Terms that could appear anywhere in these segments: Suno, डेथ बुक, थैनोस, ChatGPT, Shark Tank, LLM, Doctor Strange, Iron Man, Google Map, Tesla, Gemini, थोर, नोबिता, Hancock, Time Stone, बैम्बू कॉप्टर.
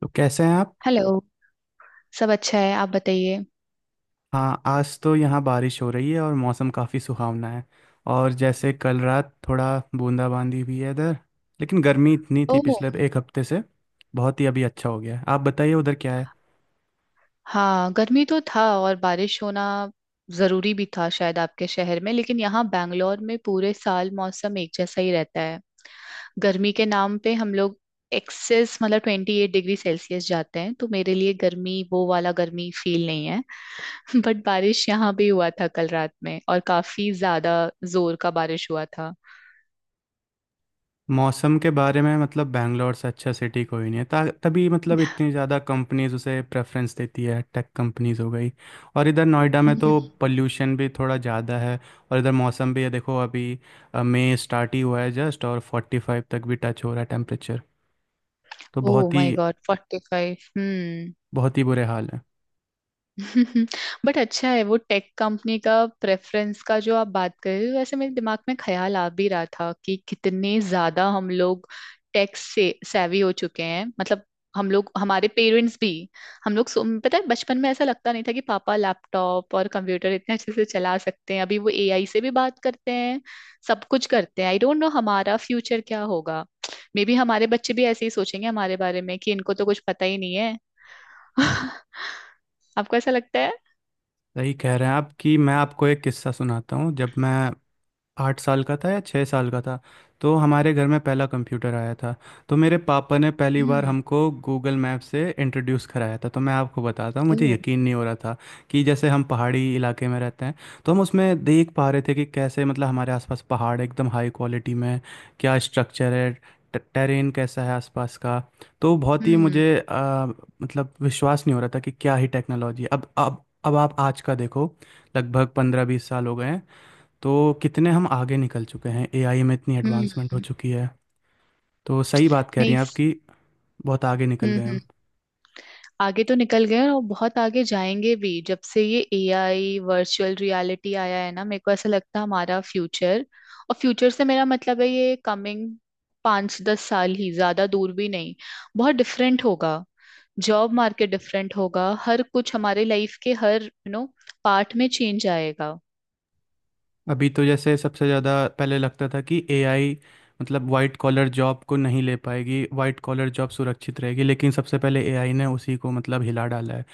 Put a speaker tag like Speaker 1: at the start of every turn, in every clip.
Speaker 1: तो कैसे हैं आप?
Speaker 2: हेलो। सब अच्छा है, आप बताइए।
Speaker 1: हाँ, आज तो यहाँ बारिश हो रही है और मौसम काफ़ी सुहावना है। और जैसे कल रात थोड़ा बूंदाबांदी भी है इधर। लेकिन गर्मी इतनी थी
Speaker 2: ओह।
Speaker 1: पिछले एक हफ्ते से। बहुत ही अभी अच्छा हो गया है। आप बताइए उधर क्या है?
Speaker 2: हाँ, गर्मी तो था और बारिश होना जरूरी भी था शायद आपके शहर में, लेकिन यहाँ बैंगलोर में पूरे साल मौसम एक जैसा ही रहता है। गर्मी के नाम पे हम लोग एक्सेस मतलब 28 डिग्री सेल्सियस जाते हैं, तो मेरे लिए गर्मी वो वाला गर्मी फील नहीं है। बट बारिश यहाँ भी हुआ था कल रात में, और काफी ज्यादा जोर का बारिश हुआ था।
Speaker 1: मौसम के बारे में मतलब बैंगलोर से अच्छा सिटी कोई नहीं है ता तभी मतलब इतनी ज़्यादा कंपनीज उसे प्रेफरेंस देती है, टेक कंपनीज हो गई। और इधर नोएडा में तो पोल्यूशन भी थोड़ा ज़्यादा है। और इधर मौसम भी है देखो, अभी मई स्टार्ट ही हुआ है जस्ट, और फोर्टी फाइव तक भी टच हो रहा है टेम्परेचर। तो
Speaker 2: ओह
Speaker 1: बहुत
Speaker 2: माय
Speaker 1: ही
Speaker 2: गॉड, 45। हम्म।
Speaker 1: बहुत ही बुरे हाल है।
Speaker 2: बट अच्छा है वो टेक कंपनी का प्रेफरेंस का जो आप बात कर रहे हो। वैसे मेरे दिमाग में ख्याल आ भी रहा था कि कितने ज्यादा हम लोग टेक से savvy हो चुके हैं। मतलब हम लोग, हमारे पेरेंट्स भी। हम लोग पता है बचपन में ऐसा लगता नहीं था कि पापा लैपटॉप और कंप्यूटर इतने अच्छे से चला सकते हैं। अभी वो एआई से भी बात करते हैं। सब कुछ करते हैं। आई डोंट नो हमारा फ्यूचर क्या होगा। मे बी हमारे बच्चे भी ऐसे ही सोचेंगे हमारे बारे में कि इनको तो कुछ पता ही नहीं है। आपको ऐसा लगता
Speaker 1: सही कह रहे हैं आप। कि मैं आपको एक किस्सा सुनाता हूँ। जब मैं 8 साल का था या 6 साल का था, तो हमारे घर में पहला कंप्यूटर आया था। तो मेरे पापा ने पहली बार
Speaker 2: है?
Speaker 1: हमको गूगल मैप से इंट्रोड्यूस कराया था। तो मैं आपको बताता हूँ, मुझे
Speaker 2: ओ।
Speaker 1: यकीन नहीं हो रहा था कि जैसे हम पहाड़ी इलाके में रहते हैं, तो हम उसमें देख पा रहे थे कि कैसे मतलब हमारे आसपास पहाड़ एकदम हाई क्वालिटी में है, क्या स्ट्रक्चर है, टेरेन कैसा है आसपास का। तो बहुत ही
Speaker 2: हम्म
Speaker 1: मुझे मतलब विश्वास नहीं हो रहा था कि क्या ही टेक्नोलॉजी है। अब आप आज का देखो, लगभग 15-20 साल हो गए हैं, तो कितने हम आगे निकल चुके हैं। एआई में इतनी एडवांसमेंट हो
Speaker 2: हम्म।
Speaker 1: चुकी है। तो सही बात कह रही
Speaker 2: नहीं,
Speaker 1: हैं आप कि बहुत आगे निकल गए
Speaker 2: हम्म।
Speaker 1: हम।
Speaker 2: आगे तो निकल गए हैं और बहुत आगे जाएंगे भी। जब से ये एआई वर्चुअल रियलिटी आया है ना, मेरे को ऐसा लगता है हमारा फ्यूचर, और फ्यूचर से मेरा मतलब है ये कमिंग पाँच दस साल ही, ज्यादा दूर भी नहीं, बहुत डिफरेंट होगा। जॉब मार्केट डिफरेंट होगा। हर कुछ हमारे लाइफ के हर यू नो पार्ट में चेंज आएगा।
Speaker 1: अभी तो जैसे सबसे ज़्यादा पहले लगता था कि एआई मतलब वाइट कॉलर जॉब को नहीं ले पाएगी, वाइट कॉलर जॉब सुरक्षित रहेगी, लेकिन सबसे पहले एआई ने उसी को मतलब हिला डाला है।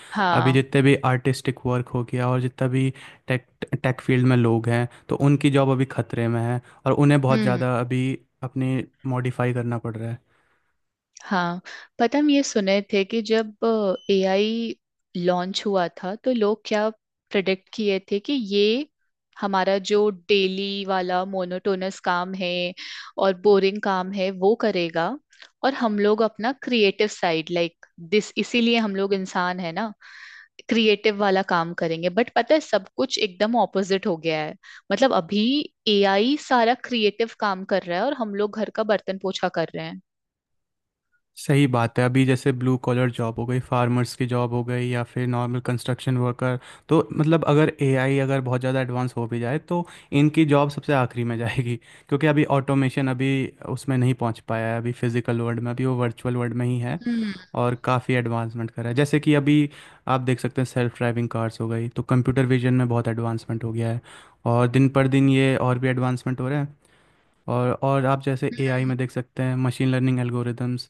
Speaker 1: अभी
Speaker 2: हाँ।
Speaker 1: जितने भी आर्टिस्टिक वर्क हो गया और जितना भी टेक टेक फील्ड में लोग हैं, तो उनकी जॉब अभी खतरे में है और उन्हें बहुत
Speaker 2: हम्म।
Speaker 1: ज़्यादा अभी अपनी मॉडिफाई करना पड़ रहा है।
Speaker 2: हाँ, पता हम ये सुने थे कि जब एआई लॉन्च हुआ था, तो लोग क्या प्रेडिक्ट किए थे कि ये हमारा जो डेली वाला मोनोटोनस काम है और बोरिंग काम है वो करेगा, और हम लोग अपना क्रिएटिव साइड, लाइक दिस, इसीलिए हम लोग इंसान है ना, क्रिएटिव वाला काम करेंगे। बट पता है सब कुछ एकदम ऑपोजिट हो गया है। मतलब अभी एआई सारा क्रिएटिव काम कर रहा है, और हम लोग घर का बर्तन पोछा कर रहे
Speaker 1: सही बात है। अभी जैसे ब्लू कॉलर जॉब हो गई, फार्मर्स की जॉब हो गई, या फिर नॉर्मल कंस्ट्रक्शन वर्कर, तो मतलब अगर एआई अगर बहुत ज़्यादा एडवांस हो भी जाए, तो इनकी जॉब सबसे आखिरी में जाएगी, क्योंकि अभी ऑटोमेशन अभी उसमें नहीं पहुंच पाया है। अभी फिजिकल वर्ल्ड में अभी वो, वर्चुअल वर्ल्ड में ही है।
Speaker 2: हैं।
Speaker 1: और काफ़ी एडवांसमेंट करा है। जैसे कि अभी आप देख सकते हैं, सेल्फ ड्राइविंग कार्स हो गई, तो कंप्यूटर विजन में बहुत एडवांसमेंट हो गया है और दिन पर दिन ये और भी एडवांसमेंट हो रहे हैं। और आप जैसे एआई में देख सकते हैं, मशीन लर्निंग एल्गोरिदम्स,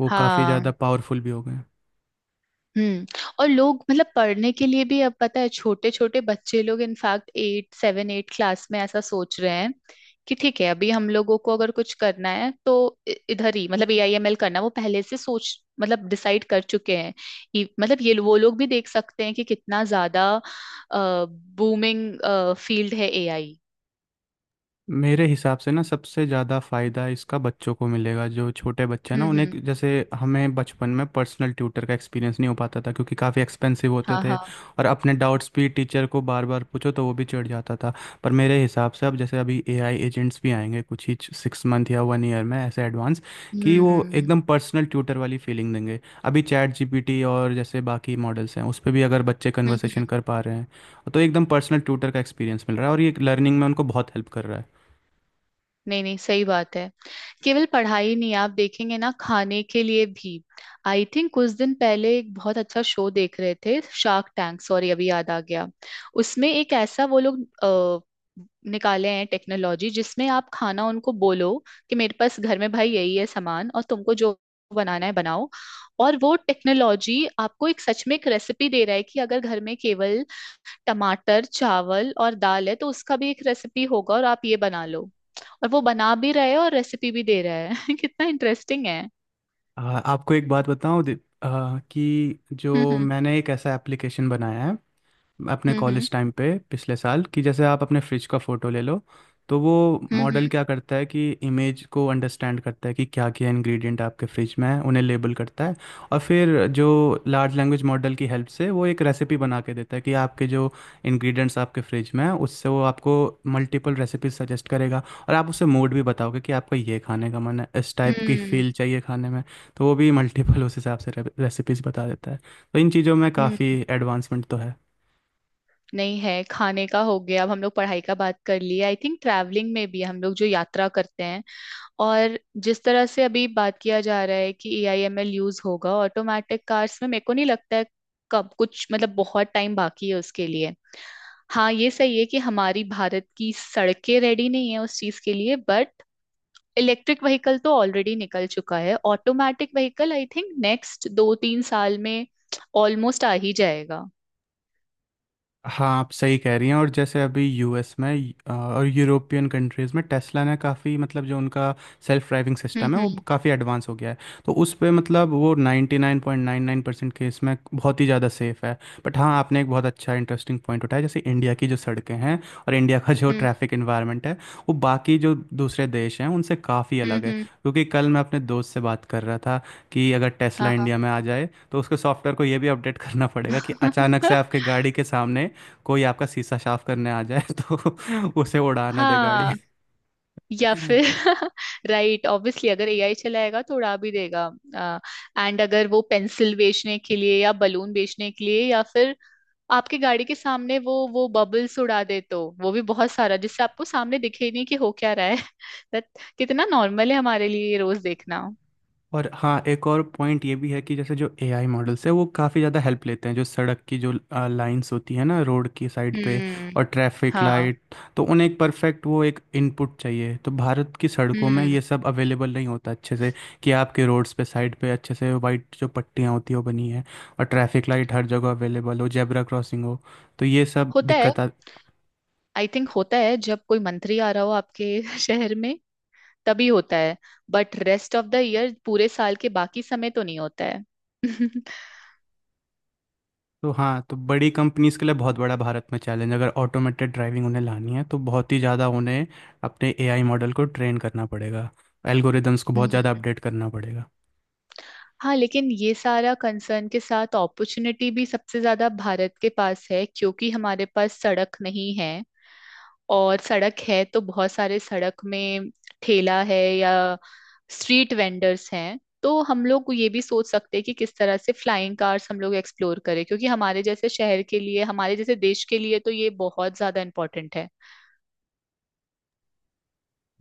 Speaker 1: वो काफ़ी ज़्यादा
Speaker 2: हाँ।
Speaker 1: पावरफुल भी हो गए हैं।
Speaker 2: हम्म। और लोग मतलब पढ़ने के लिए भी, अब पता है छोटे छोटे बच्चे लोग, in fact eight seven eight class में ऐसा सोच रहे हैं कि ठीक है अभी हम लोगों को अगर कुछ करना है तो इधर ही, मतलब AI ML करना वो पहले से सोच मतलब डिसाइड कर चुके हैं। मतलब ये वो लोग भी देख सकते हैं कि कितना ज्यादा बूमिंग फील्ड है ए आई।
Speaker 1: मेरे हिसाब से ना सबसे ज़्यादा फ़ायदा इसका बच्चों को मिलेगा। जो छोटे बच्चे हैं ना, उन्हें
Speaker 2: हम्म।
Speaker 1: जैसे, हमें बचपन में पर्सनल ट्यूटर का एक्सपीरियंस नहीं हो पाता था क्योंकि काफ़ी एक्सपेंसिव होते
Speaker 2: हाँ
Speaker 1: थे।
Speaker 2: हाँ।
Speaker 1: और अपने डाउट्स भी टीचर को बार बार पूछो तो वो भी चिढ़ जाता था। पर मेरे हिसाब से अब जैसे अभी एआई एजेंट्स भी आएंगे कुछ ही 6 मंथ या 1 ईयर में, ऐसे एडवांस कि वो
Speaker 2: हम्म।
Speaker 1: एकदम पर्सनल ट्यूटर वाली फीलिंग देंगे। अभी चैट जीपीटी और जैसे बाकी मॉडल्स हैं, उस पर भी अगर बच्चे
Speaker 2: हम्म।
Speaker 1: कन्वर्सेशन कर पा रहे हैं तो एकदम पर्सनल ट्यूटर का एक्सपीरियंस मिल रहा है और ये लर्निंग में उनको बहुत हेल्प कर रहा है।
Speaker 2: नहीं नहीं, सही बात है। केवल पढ़ाई नहीं, आप देखेंगे ना, खाने के लिए भी। आई थिंक कुछ दिन पहले एक बहुत अच्छा शो देख रहे थे, शार्क टैंक, सॉरी अभी याद आ गया। उसमें एक ऐसा वो लोग निकाले हैं टेक्नोलॉजी जिसमें आप खाना उनको बोलो कि मेरे पास घर में भाई यही है सामान, और तुमको जो बनाना है बनाओ। और वो टेक्नोलॉजी आपको एक सच में एक रेसिपी दे रहा है कि अगर घर में केवल टमाटर, चावल और दाल है तो उसका भी एक रेसिपी होगा और आप ये बना लो। और वो बना भी रहे और रेसिपी भी दे रहा है। कितना इंटरेस्टिंग है।
Speaker 1: आपको एक बात बताऊं कि जो
Speaker 2: हम्म
Speaker 1: मैंने एक ऐसा एप्लीकेशन बनाया है अपने
Speaker 2: हम्म।
Speaker 1: कॉलेज टाइम पे, पिछले साल, कि जैसे आप अपने फ्रिज का फ़ोटो ले लो। तो वो
Speaker 2: हम्म।
Speaker 1: मॉडल क्या करता है कि इमेज को अंडरस्टैंड करता है कि क्या क्या इंग्रेडिएंट आपके फ्रिज में है, उन्हें लेबल करता है। और फिर जो लार्ज लैंग्वेज मॉडल की हेल्प से वो एक रेसिपी बना के देता है कि आपके जो इंग्रेडिएंट्स आपके फ्रिज में है उससे वो आपको मल्टीपल रेसिपीज सजेस्ट करेगा। और आप उसे मूड भी बताओगे कि आपका ये खाने का मन है, इस टाइप की
Speaker 2: हम्म।
Speaker 1: फील चाहिए खाने में, तो वो भी मल्टीपल उस हिसाब से रेसिपीज बता देता है। तो इन चीज़ों में काफ़ी
Speaker 2: हम्म।
Speaker 1: एडवांसमेंट तो है।
Speaker 2: नहीं है, खाने का हो गया, अब हम लोग पढ़ाई का बात कर ली। आई थिंक ट्रैवलिंग में भी, हम लोग जो यात्रा करते हैं और जिस तरह से अभी बात किया जा रहा है कि AI ML यूज होगा ऑटोमेटिक कार्स में, मेरे को नहीं लगता है कब कुछ, मतलब बहुत टाइम बाकी है उसके लिए। हाँ ये सही है कि हमारी भारत की सड़कें रेडी नहीं है उस चीज के लिए, बट इलेक्ट्रिक व्हीकल तो ऑलरेडी निकल चुका है, automatic vehicle I think next दो तीन साल में ऑलमोस्ट आ ही जाएगा।
Speaker 1: हाँ, आप सही कह रही हैं। और जैसे अभी यूएस में और यूरोपियन कंट्रीज़ में टेस्ला ने काफ़ी मतलब, जो उनका सेल्फ ड्राइविंग सिस्टम है, वो
Speaker 2: हम्म।
Speaker 1: काफ़ी एडवांस हो गया है। तो उस पे मतलब वो 99.99% केस में बहुत ही ज़्यादा सेफ है। बट हाँ, आपने एक बहुत अच्छा इंटरेस्टिंग पॉइंट उठाया। जैसे इंडिया की जो सड़कें हैं और इंडिया का जो
Speaker 2: हम्म
Speaker 1: ट्रैफिक इन्वायरमेंट है, वो बाकी जो दूसरे देश हैं उनसे काफ़ी
Speaker 2: हम्म।
Speaker 1: अलग है।
Speaker 2: हम्म।
Speaker 1: क्योंकि कल मैं अपने दोस्त से बात कर रहा था कि अगर टेस्ला
Speaker 2: हाँ हाँ।
Speaker 1: इंडिया में आ जाए, तो उसके सॉफ्टवेयर को ये भी अपडेट करना पड़ेगा कि अचानक से आपके गाड़ी के सामने कोई आपका शीशा साफ करने आ जाए तो उसे उड़ा ना दे गाड़ी।
Speaker 2: हाँ। या फिर राइट, ऑब्वियसली अगर एआई चलाएगा तो उड़ा भी देगा। एंड अगर वो पेंसिल बेचने के लिए या बलून बेचने के लिए या फिर आपकी गाड़ी के सामने वो बबल्स उड़ा दे, तो वो भी बहुत सारा जिससे आपको सामने दिखे ही नहीं कि हो क्या रहा है। दैट, कितना नॉर्मल है हमारे लिए ये रोज देखना।
Speaker 1: और हाँ, एक और पॉइंट ये भी है कि जैसे जो एआई मॉडल्स है वो काफ़ी ज़्यादा हेल्प लेते हैं जो सड़क की जो लाइंस होती है ना रोड की साइड पे,
Speaker 2: हम्म।
Speaker 1: और ट्रैफिक
Speaker 2: हाँ।
Speaker 1: लाइट, तो उन्हें एक परफेक्ट, वो एक इनपुट चाहिए। तो भारत की सड़कों में
Speaker 2: हम्म।
Speaker 1: ये सब अवेलेबल नहीं होता अच्छे से कि आपके रोड्स पे साइड पे अच्छे से वाइट जो पट्टियाँ होती है वो बनी है और ट्रैफिक लाइट हर जगह अवेलेबल हो, जेब्रा क्रॉसिंग हो। तो ये सब
Speaker 2: होता है।
Speaker 1: दिक्कत
Speaker 2: आई थिंक होता है जब कोई मंत्री आ रहा हो आपके शहर में तभी होता है। But rest of the year पूरे साल के बाकी समय तो नहीं होता है।
Speaker 1: तो हाँ, तो बड़ी कंपनीज के लिए बहुत बड़ा भारत में चैलेंज, अगर ऑटोमेटेड ड्राइविंग उन्हें लानी है तो बहुत ही ज़्यादा उन्हें अपने एआई मॉडल को ट्रेन करना पड़ेगा, एल्गोरिदम्स को बहुत
Speaker 2: हम्म।
Speaker 1: ज़्यादा अपडेट करना पड़ेगा।
Speaker 2: हाँ, लेकिन ये सारा कंसर्न के साथ अपॉर्चुनिटी भी सबसे ज्यादा भारत के पास है, क्योंकि हमारे पास सड़क नहीं है, और सड़क है तो बहुत सारे सड़क में ठेला है या स्ट्रीट वेंडर्स हैं। तो हम लोग ये भी सोच सकते हैं कि किस तरह से फ्लाइंग कार्स हम लोग एक्सप्लोर करें, क्योंकि हमारे जैसे शहर के लिए, हमारे जैसे देश के लिए तो ये बहुत ज्यादा इम्पोर्टेंट है।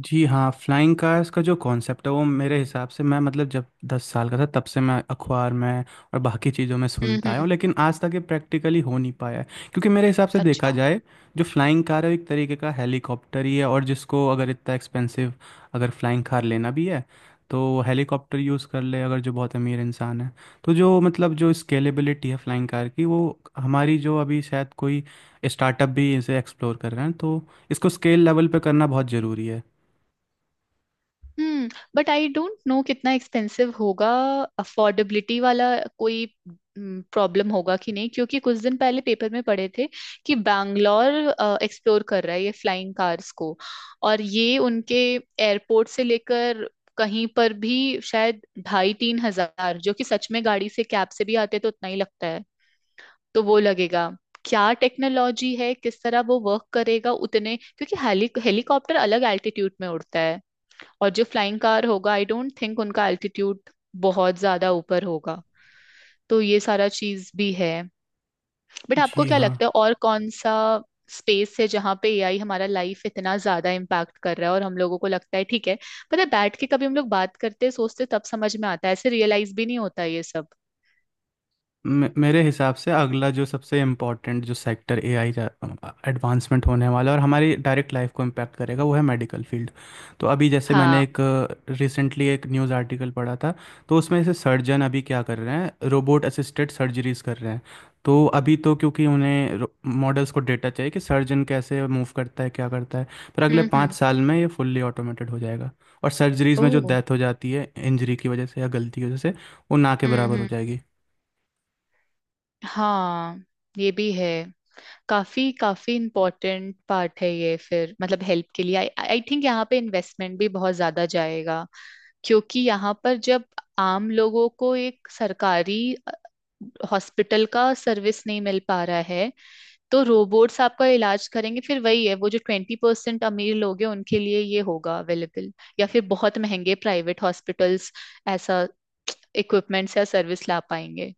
Speaker 1: जी हाँ, फ्लाइंग कार्स का जो कॉन्सेप्ट है वो, मेरे हिसाब से मैं मतलब जब 10 साल का था तब से मैं अखबार में और बाकी चीज़ों में सुनता आया हूँ,
Speaker 2: हम्म।
Speaker 1: लेकिन आज तक ये प्रैक्टिकली हो नहीं पाया है। क्योंकि मेरे हिसाब से देखा
Speaker 2: अच्छा।
Speaker 1: जाए, जो फ्लाइंग कार है वो एक तरीके का हेलीकॉप्टर ही है, और जिसको अगर इतना एक्सपेंसिव, अगर फ्लाइंग कार लेना भी है तो वो हेलीकॉप्टर यूज़ कर ले अगर जो बहुत अमीर इंसान है। तो जो मतलब जो स्केलेबिलिटी है फ्लाइंग कार की, वो हमारी, जो अभी शायद कोई स्टार्टअप भी इसे एक्सप्लोर कर रहे हैं, तो इसको स्केल लेवल पे करना बहुत ज़रूरी है।
Speaker 2: Hmm. But I don't know कितना एक्सपेंसिव होगा, अफोर्डेबिलिटी वाला कोई प्रॉब्लम होगा कि नहीं, क्योंकि कुछ दिन पहले पेपर में पढ़े थे कि बैंगलोर एक्सप्लोर कर रहा है ये फ्लाइंग कार्स को, और ये उनके एयरपोर्ट से लेकर कहीं पर भी शायद ढाई तीन हजार, जो कि सच में गाड़ी से कैब से भी आते तो उतना ही लगता है, तो वो लगेगा। क्या टेक्नोलॉजी है, किस तरह वो वर्क करेगा उतने, क्योंकि हेलीकॉप्टर अलग एल्टीट्यूड में उड़ता है, और जो फ्लाइंग कार होगा आई डोंट थिंक उनका एल्टीट्यूड बहुत ज्यादा ऊपर होगा। तो ये सारा चीज भी है। बट आपको
Speaker 1: जी
Speaker 2: क्या
Speaker 1: हाँ।
Speaker 2: लगता है और कौन सा स्पेस है जहाँ पे एआई हमारा लाइफ इतना ज्यादा इम्पैक्ट कर रहा है और हम लोगों को लगता है ठीक है? पता है बैठ के कभी हम लोग बात करते सोचते तब समझ में आता है, ऐसे रियलाइज भी नहीं होता ये सब।
Speaker 1: मेरे हिसाब से अगला जो सबसे इम्पोर्टेंट जो सेक्टर एआई का एडवांसमेंट होने वाला है और हमारी डायरेक्ट लाइफ को इम्पैक्ट करेगा, वो है मेडिकल फील्ड। तो अभी जैसे मैंने
Speaker 2: हाँ।
Speaker 1: एक रिसेंटली एक न्यूज़ आर्टिकल पढ़ा था, तो उसमें से सर्जन अभी क्या कर रहे हैं, रोबोट असिस्टेड सर्जरीज कर रहे हैं। तो अभी तो क्योंकि उन्हें मॉडल्स को डेटा चाहिए कि सर्जन कैसे मूव करता है, क्या करता है, पर अगले पाँच
Speaker 2: हम्म।
Speaker 1: साल में ये फुल्ली ऑटोमेटेड हो जाएगा। और सर्जरीज में जो
Speaker 2: ओ।
Speaker 1: डेथ हो जाती है इंजरी की वजह से या गलती की वजह से, वो ना के बराबर हो
Speaker 2: हम्म।
Speaker 1: जाएगी।
Speaker 2: हाँ ये भी है। काफी काफी इम्पोर्टेंट पार्ट है ये, फिर मतलब हेल्प के लिए आई थिंक यहाँ पे इन्वेस्टमेंट भी बहुत ज्यादा जाएगा। क्योंकि यहाँ पर जब आम लोगों को एक सरकारी हॉस्पिटल का सर्विस नहीं मिल पा रहा है, तो रोबोट्स आपका इलाज करेंगे। फिर वही है, वो जो 20% अमीर लोग हैं उनके लिए ये होगा अवेलेबल, या फिर बहुत महंगे प्राइवेट हॉस्पिटल्स ऐसा इक्विपमेंट्स या सर्विस ला पाएंगे।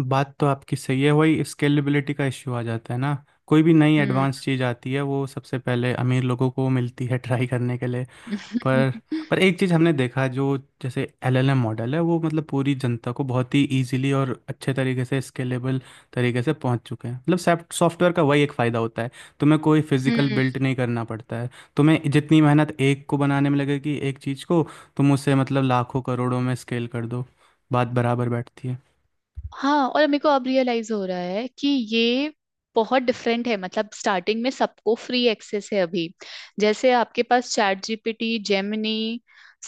Speaker 1: बात तो आपकी सही है, वही स्केलेबिलिटी का इश्यू आ जाता है ना। कोई भी नई
Speaker 2: हम्म।
Speaker 1: एडवांस चीज़ आती है वो सबसे पहले अमीर लोगों को मिलती है ट्राई करने के लिए। पर पर एक चीज़ हमने देखा, जो जैसे एलएलएम मॉडल है, वो मतलब पूरी जनता को बहुत ही इजीली और अच्छे तरीके से, स्केलेबल तरीके से पहुंच चुके हैं। मतलब सॉफ्टवेयर का वही एक फ़ायदा होता है, तुम्हें कोई फिजिकल बिल्ड नहीं करना पड़ता है। तुम्हें जितनी मेहनत एक को बनाने में लगेगी एक चीज़ को, तुम उसे मतलब लाखों करोड़ों में स्केल कर दो। बात बराबर बैठती है।
Speaker 2: हाँ, और मेरे को अब रियलाइज हो रहा है कि ये बहुत डिफरेंट है। मतलब स्टार्टिंग में सबको फ्री एक्सेस है अभी। जैसे आपके पास चैट जीपीटी, जेमिनी,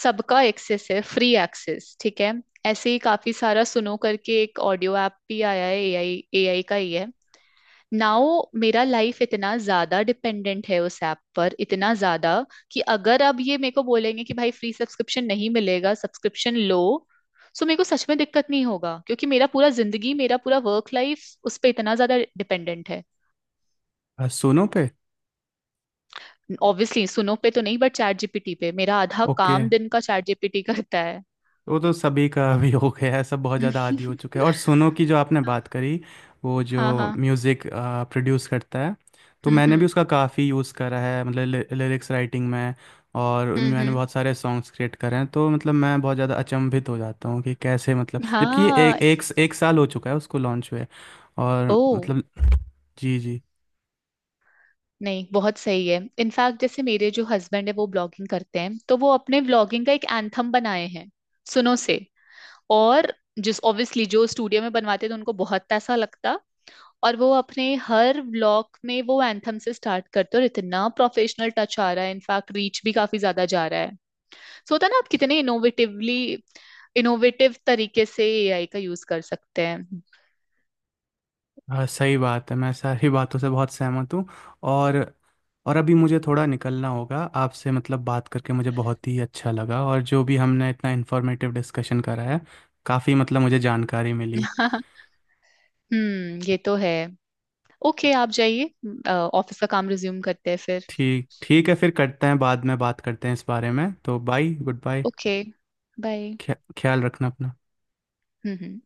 Speaker 2: सबका एक्सेस है, फ्री एक्सेस, ठीक है। ऐसे ही काफी सारा सुनो करके एक ऑडियो ऐप भी आया है एआई, एआई का ही है। नाउ मेरा लाइफ इतना ज्यादा डिपेंडेंट है उस ऐप पर, इतना ज्यादा कि अगर अब ये मेरे को बोलेंगे कि भाई फ्री सब्सक्रिप्शन नहीं मिलेगा, सब्सक्रिप्शन लो, सो मेरे को सच में दिक्कत नहीं होगा, क्योंकि मेरा पूरा जिंदगी, मेरा पूरा वर्क लाइफ उस पे इतना ज्यादा डिपेंडेंट है।
Speaker 1: सोनू पे?
Speaker 2: ऑब्वियसली सुनो पे तो नहीं, बट चैट जीपीटी पे मेरा आधा
Speaker 1: ओके।
Speaker 2: काम दिन का चैट जीपीटी करता है।
Speaker 1: वो तो सभी का अभी हो गया है, सब बहुत ज़्यादा आदी हो चुके हैं। और सुनो की जो आपने
Speaker 2: हाँ
Speaker 1: बात करी, वो जो
Speaker 2: हाँ। हाँ।
Speaker 1: म्यूज़िक प्रोड्यूस करता है, तो मैंने भी
Speaker 2: हम्म।
Speaker 1: उसका काफ़ी यूज़ करा है, मतलब लिरिक्स राइटिंग में। और मैंने
Speaker 2: हम्म।
Speaker 1: बहुत सारे सॉन्ग्स क्रिएट करे हैं। तो मतलब, मैं बहुत ज़्यादा अचंभित हो जाता हूँ कि कैसे, मतलब जबकि ये
Speaker 2: हाँ।
Speaker 1: एक एक एक साल हो चुका है उसको लॉन्च हुए। और
Speaker 2: ओ।
Speaker 1: मतलब, जी, जी
Speaker 2: नहीं, बहुत सही है। इनफैक्ट जैसे मेरे जो हस्बैंड है वो ब्लॉगिंग करते हैं, तो वो अपने ब्लॉगिंग का एक एंथम बनाए हैं सुनो से। और जिस ऑब्वियसली जो स्टूडियो में बनवाते थे उनको बहुत पैसा लगता, और वो अपने हर व्लॉग में वो एंथम से स्टार्ट करते, और इतना प्रोफेशनल टच आ रहा है, इनफैक्ट रीच भी काफी ज्यादा जा रहा है। सो होता है ना, आप कितने इनोवेटिवली, इनोवेटिव तरीके से एआई का यूज कर सकते हैं।
Speaker 1: हाँ, सही बात है, मैं सारी बातों से बहुत सहमत हूँ। और और अभी मुझे थोड़ा निकलना होगा। आपसे मतलब बात करके मुझे बहुत ही अच्छा लगा, और जो भी हमने इतना इन्फॉर्मेटिव डिस्कशन करा है, काफ़ी मतलब मुझे जानकारी मिली।
Speaker 2: हम्म, ये तो है। ओके, आप जाइए, ऑफिस का काम रिज्यूम करते हैं फिर।
Speaker 1: ठीक, ठीक है, फिर करते हैं, बाद में बात करते हैं इस बारे में। तो bye, goodbye.
Speaker 2: Okay, bye.
Speaker 1: ख्याल रखना अपना।
Speaker 2: हम्म।